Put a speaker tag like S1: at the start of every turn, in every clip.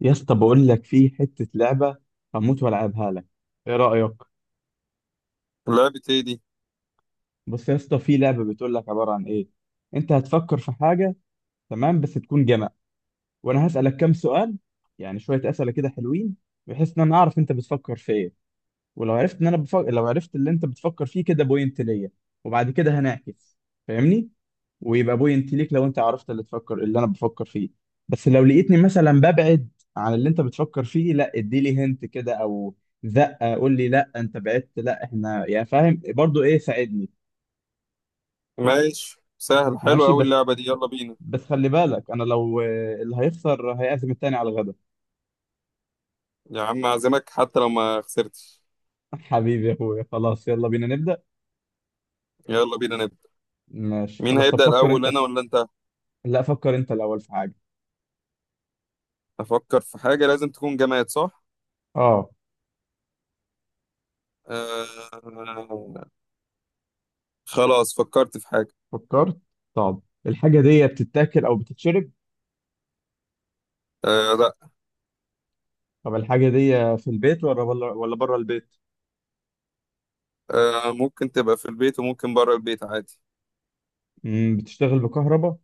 S1: يا اسطى بقول لك في حتة لعبة. هموت والعبها لك، ايه رأيك؟
S2: لعبة ايه دي؟
S1: بص يا اسطى، في لعبة بتقول لك عبارة عن ايه. انت هتفكر في حاجة، تمام، بس تكون جمع، وانا هسألك كام سؤال، يعني شوية أسئلة كده حلوين، بحيث ان انا اعرف انت بتفكر في ايه. ولو عرفت ان انا بفكر، لو عرفت اللي انت بتفكر فيه كده بوينت ليا، وبعد كده هنعكس، فاهمني؟ ويبقى بوينت ليك لو انت عرفت اللي تفكر اللي انا بفكر فيه. بس لو لقيتني مثلا ببعد عن اللي انت بتفكر فيه، لا اديلي هنت كده، او زقه، قول لي لا انت بعدت، لا احنا يعني فاهم برضو ايه، ساعدني.
S2: ماشي، سهل، حلو
S1: ماشي،
S2: أوي
S1: بس
S2: اللعبة دي، يلا بينا.
S1: بس خلي بالك انا لو اللي هيخسر هيعزم التاني على الغدا.
S2: يا عم أعزمك حتى لو ما خسرتش.
S1: حبيبي يا اخويا، خلاص يلا بينا نبدأ.
S2: يلا بينا نبدأ.
S1: ماشي
S2: مين
S1: خلاص، طب
S2: هيبدأ
S1: فكر
S2: الأول،
S1: انت
S2: أنا
S1: في.
S2: ولا أنت؟
S1: لا فكر انت الاول في حاجة.
S2: أفكر في حاجة لازم تكون جماد، صح؟
S1: اه
S2: آه... خلاص فكرت في حاجة.
S1: فكرت. طب الحاجة دي بتتاكل او بتتشرب؟
S2: آه لا.
S1: طب الحاجة دي في البيت ولا بره، ولا بره البيت؟
S2: آه ممكن تبقى في البيت وممكن بره البيت عادي.
S1: بتشتغل بكهرباء؟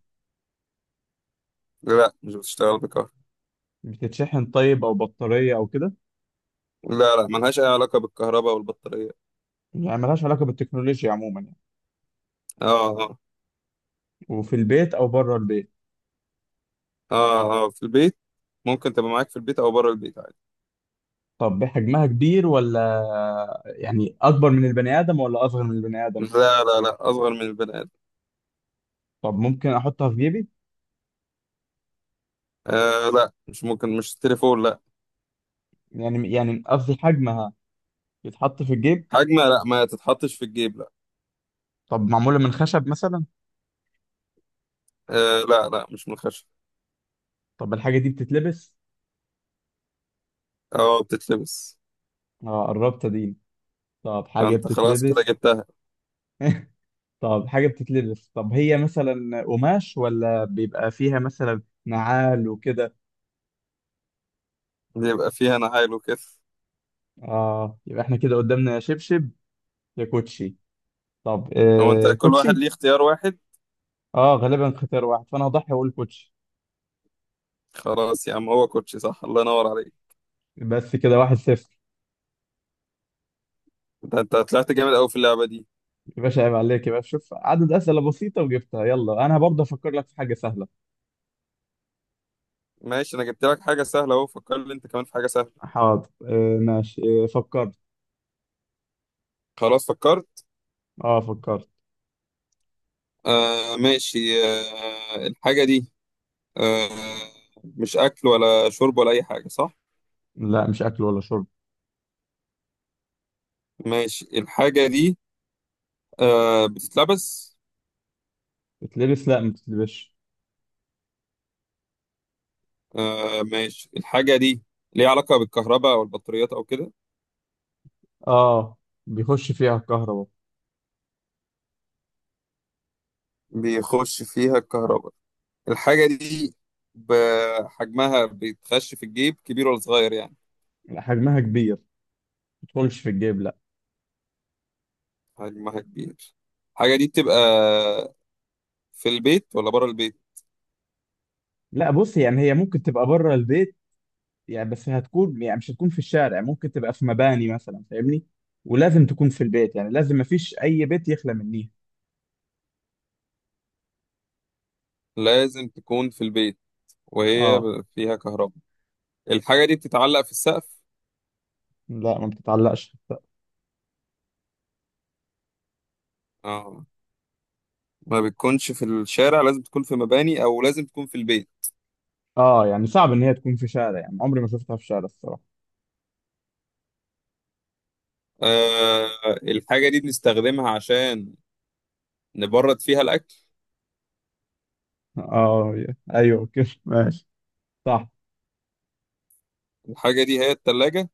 S2: لا مش بتشتغل بكهرباء.
S1: بتتشحن طيب، أو بطارية أو كده؟
S2: لا لا ملهاش أي علاقة بالكهرباء والبطارية.
S1: يعني ملهاش علاقة بالتكنولوجيا عموما يعني؟
S2: آه آه.
S1: وفي البيت أو بره البيت؟
S2: آه آه، في البيت. ممكن تبقى معاك في البيت أو بره البيت عادي.
S1: طب حجمها كبير ولا، يعني أكبر من البني آدم ولا أصغر من البني آدم؟
S2: لا لا لا، أصغر من البني آدم.
S1: طب ممكن أحطها في جيبي؟
S2: آه لا مش ممكن، مش التليفون لا.
S1: يعني قصدي حجمها يتحط في الجيب؟
S2: حجمها لا، ما تتحطش في الجيب لا.
S1: طب معمولة من خشب مثلا؟
S2: آه لا لا، مش من الخشب.
S1: طب الحاجة دي بتتلبس؟
S2: اه بتتلبس.
S1: آه قربت دي. طب حاجة
S2: انت خلاص كده
S1: بتتلبس.
S2: جبتها.
S1: طب حاجة بتتلبس، طب هي مثلا قماش ولا بيبقى فيها مثلا نعال وكده؟
S2: بيبقى فيها نعال وكده.
S1: اه يبقى احنا كده قدامنا يا شبشب يا كوتشي. طب
S2: هو انت كل واحد ليه
S1: كوتشي.
S2: اختيار واحد؟
S1: اه غالبا اختيار واحد، فانا هضحي واقول كوتشي.
S2: خلاص يا عم، هو كوتشي صح، الله ينور عليك.
S1: بس كده 1-0.
S2: انت طلعت جامد قوي في اللعبة دي.
S1: يا باشا عيب عليك يا باشا، شوف عدد أسئلة بسيطة وجبتها. يلا انا برضه افكر لك في حاجة سهلة.
S2: ماشي، انا جبت لك حاجة سهلة اهو، فكر لي انت كمان في حاجة سهلة.
S1: حاضر. آه ماشي، آه فكرت.
S2: خلاص فكرت.
S1: اه فكرت.
S2: آه ماشي، آه الحاجة دي، آه، مش اكل ولا شرب ولا اي حاجة صح.
S1: لا مش اكل ولا شرب.
S2: ماشي، الحاجة دي، آه، بتتلبس.
S1: بتلبس؟ لا ما بتتلبسش.
S2: آه ماشي، الحاجة دي ليها علاقة بالكهرباء أو البطاريات أو كده.
S1: اه بيخش فيها الكهرباء.
S2: بيخش فيها الكهرباء. الحاجة دي بحجمها بيتخش في الجيب، كبير ولا صغير يعني.
S1: لا، حجمها كبير، ما بتدخلش في الجيب، لا.
S2: حجمها كبير. الحاجة دي بتبقى في البيت ولا بره البيت؟
S1: لا بص، يعني هي ممكن تبقى بره البيت يعني، بس هتكون، يعني مش هتكون في الشارع، ممكن تبقى في مباني مثلا، فاهمني؟ ولازم تكون في البيت يعني، لازم، مفيش اي بيت يخلى من دي.
S2: لازم تكون في البيت. وهي
S1: اه.
S2: فيها كهرباء. الحاجة دي بتتعلق في السقف؟
S1: لا ما بتتعلقش.
S2: اه. ما بتكونش في الشارع، لازم تكون في مباني أو لازم تكون في البيت.
S1: اه يعني صعب ان هي تكون في شارع، يعني عمري ما شفتها في شارع الصراحه.
S2: آه، الحاجة دي بنستخدمها عشان نبرد فيها الأكل.
S1: اه. ايوه كده. ماشي، صح.
S2: الحاجة دي هي التلاجة.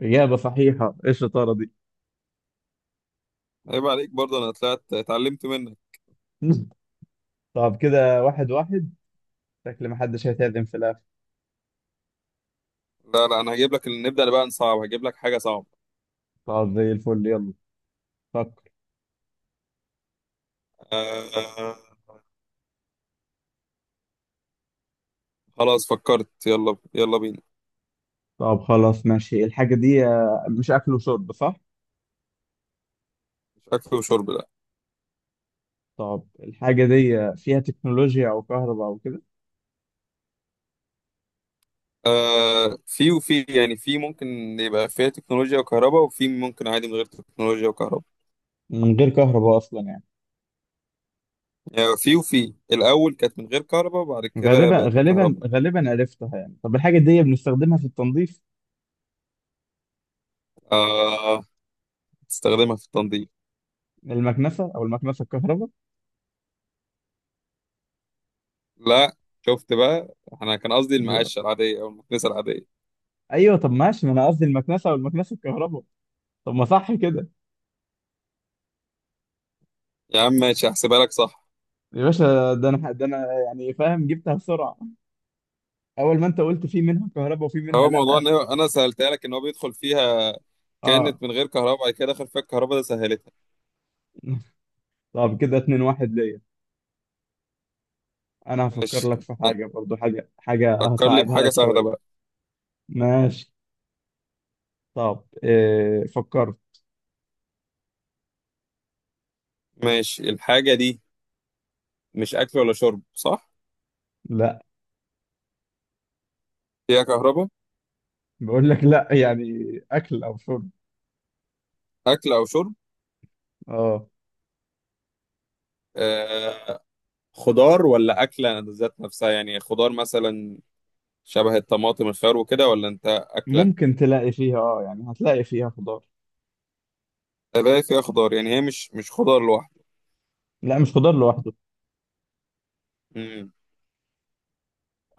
S1: اجابه صحيحه، ايه الشطاره دي!
S2: عيب عليك برضه، أنا طلعت اتعلمت منك.
S1: طب كده 1-1، شكل ما حدش هيتعدم في الاخر.
S2: لا لا، أنا هجيب لك، نبدأ بقى نصعب، هجيب لك حاجة صعبة.
S1: طب زي الفل، يلا فكر.
S2: آه. خلاص فكرت، يلا يلا بينا.
S1: طب خلاص ماشي، الحاجه دي، مش اكل وشرب صح؟
S2: مش أكل وشرب ده.
S1: طب الحاجة دي فيها تكنولوجيا أو كهرباء أو كده؟
S2: آه في وفي، يعني في ممكن يبقى فيها تكنولوجيا وكهرباء، وفي ممكن عادي من غير تكنولوجيا وكهرباء.
S1: من غير كهرباء أصلا يعني؟
S2: يعني في وفي الأول كانت من غير كهرباء وبعد كده
S1: غالبا
S2: بقت
S1: غالبا
S2: بكهرباء.
S1: غالبا عرفتها يعني. طب الحاجة دي بنستخدمها في التنظيف؟
S2: آه، تستخدمها في التنظيف.
S1: المكنسة أو المكنسة الكهرباء.
S2: لا. شفت بقى؟ أنا كان قصدي
S1: يا.
S2: المقاشة العادية أو المكنسة العادية.
S1: أيوه طب ماشي، ما أنا قصدي المكنسة أو المكنسة الكهرباء، طب ما صح كده.
S2: يا عم ماشي، هحسبها لك صح.
S1: يا باشا، ده أنا يعني فاهم، جبتها بسرعة. أول ما أنت قلت في منها كهرباء وفي منها
S2: هو موضوع
S1: لأ.
S2: ان انا سالتها لك ان هو بيدخل فيها،
S1: أه.
S2: كانت من غير كهرباء بعد كده دخل فيها الكهرباء، ده سهلتها.
S1: طب كده 2-1 ليا. أنا هفكر
S2: ماشي،
S1: لك في حاجة برضو، حاجة
S2: فكر لي
S1: هصعبها
S2: بحاجه
S1: لك
S2: سهله
S1: شوية.
S2: بقى.
S1: ماشي. طب إيه، فكرت.
S2: ماشي، الحاجه دي، مش اكل ولا شرب صح.
S1: لا.
S2: فيها كهرباء.
S1: بقول لك لا يعني، اكل او شرب.
S2: اكل او شرب.
S1: اه.
S2: آه، خضار ولا اكله ذات نفسها، يعني خضار مثلا شبه الطماطم الخيار وكده ولا انت اكله.
S1: ممكن تلاقي فيها، يعني هتلاقي فيها خضار.
S2: الاقي فيها خضار، يعني هي مش خضار لوحده.
S1: لا مش خضار لوحده.
S2: امم،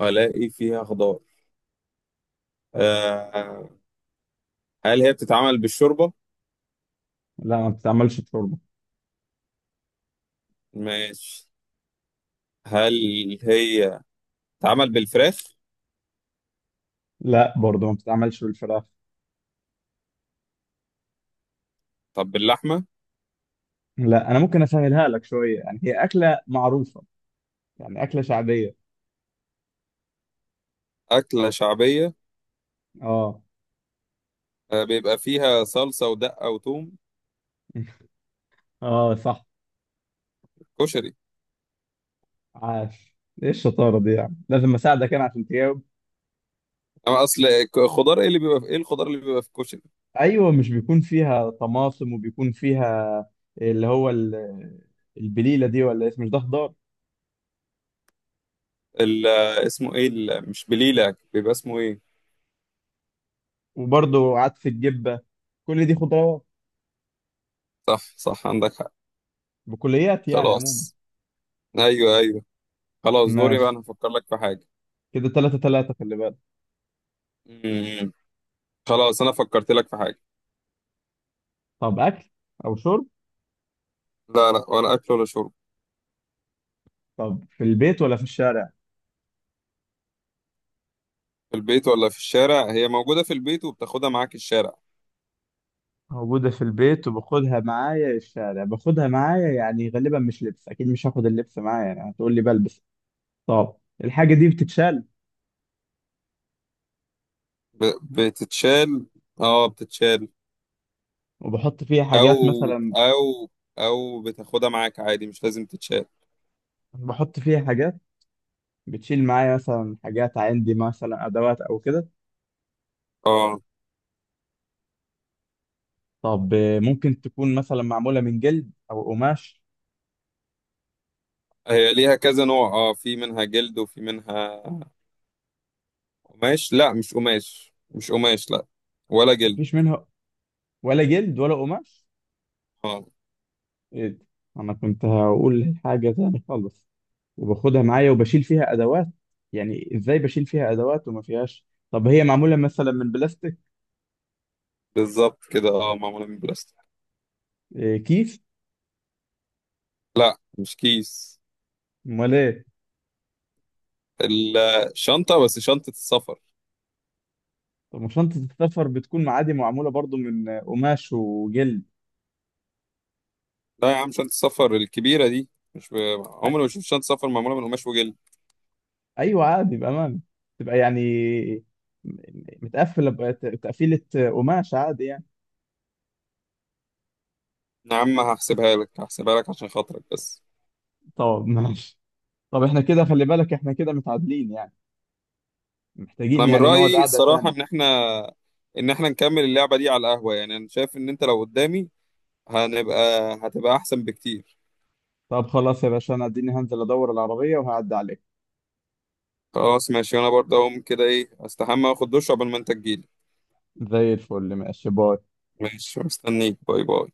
S2: الاقي فيها خضار. آه، هل هي بتتعمل بالشوربه؟
S1: لا ما بتتعملش بشوربه.
S2: ماشي. هل هي اتعمل بالفراخ؟
S1: لا برضه ما بتتعملش بالفراخ.
S2: طب باللحمة؟
S1: لا انا ممكن اسهلها لك شويه، يعني هي اكله معروفه، يعني اكله شعبيه.
S2: أكلة شعبية.
S1: اه.
S2: بيبقى فيها صلصة ودقة وثوم.
S1: اه صح.
S2: كشري.
S1: عاش، ايه الشطاره دي! يعني لازم اساعدك انا عشان تجاوب.
S2: أما أصل، خضار إيه اللي بيبقى في، إيه الخضار اللي بيبقى في الكشري.
S1: ايوه، مش بيكون فيها طماطم وبيكون فيها، اللي هو البليله دي، ولا اسمه، مش ده خضار.
S2: اسمه إيه، مش بليلة، بيبقى اسمه إيه.
S1: وبرضه عدس الجبة، كل دي خضروات،
S2: صح صح، عندك حق.
S1: بكليات يعني عموما.
S2: خلاص. أيوه أيوه. خلاص دوري بقى،
S1: ماشي.
S2: أنا هفكر لك في حاجة.
S1: كده 3-3، خلي بالك.
S2: مم. خلاص أنا فكرت لك في حاجة.
S1: طب أكل أو شرب؟
S2: لا لا، ولا أكل ولا شرب.
S1: طب في البيت ولا في الشارع؟
S2: في البيت ولا في الشارع؟ هي موجودة في البيت وبتاخدها معاك الشارع.
S1: موجودة في البيت وباخدها معايا الشارع. باخدها معايا يعني، غالبا مش لبس، أكيد مش هاخد اللبس معايا يعني، هتقول لي بلبس. طب الحاجة دي بتتشال
S2: بتتشال، اه بتتشال.
S1: وبحط فيها
S2: او
S1: حاجات مثلا؟
S2: او او بتاخدها معاك عادي مش لازم تتشال.
S1: بحط فيها حاجات، بتشيل معايا مثلا حاجات، عندي مثلا أدوات أو كده.
S2: اه.
S1: طب ممكن تكون مثلا معمولة من جلد أو قماش؟
S2: هي ليها كذا نوع، اه في منها جلد وفي منها قماش، لا مش قماش، مش قماش لا، ولا جلد.
S1: مفيش منها ولا جلد ولا قماش؟
S2: اه
S1: ايه ده، انا كنت هقول حاجه تاني خالص. وباخدها معايا وبشيل فيها ادوات، يعني ازاي بشيل فيها ادوات وما فيهاش؟ طب هي معموله مثلا من بلاستيك؟
S2: بالظبط كده، اه معمولة من بلاستيك.
S1: إيه، كيس؟
S2: لا مش كيس.
S1: امال ايه؟
S2: الشنطة، بس شنطة السفر.
S1: طب ما شنطه السفر بتكون عادي معموله برضو من قماش وجلد.
S2: لا يا عم، شنطة السفر الكبيرة دي مش ب...
S1: أ-
S2: عمري ما شفت شنطة سفر معمولة من قماش وجلد.
S1: ايوه عادي، بامانه، تبقى يعني م- متقفله بقى، تقفيله، قماش عادي يعني.
S2: يا عم هحسبها لك، هحسبها لك عشان خاطرك بس.
S1: طب ماشي. طب احنا كده خلي بالك، احنا كده متعادلين يعني،
S2: انا
S1: محتاجين
S2: من
S1: يعني نقعد
S2: رايي
S1: قعده
S2: الصراحه
S1: تاني.
S2: ان احنا، ان احنا نكمل اللعبه دي على القهوه، يعني انا شايف ان انت لو قدامي هنبقى هتبقى احسن بكتير.
S1: طب خلاص يا باشا، انا اديني هنزل ادور العربية وهعدي عليك.
S2: خلاص ماشي، وانا برضه اقوم كده ايه استحمى واخد دش قبل ما انت تجيلي.
S1: زي الفل، ماشي، باي.
S2: ماشي مستنيك، باي باي.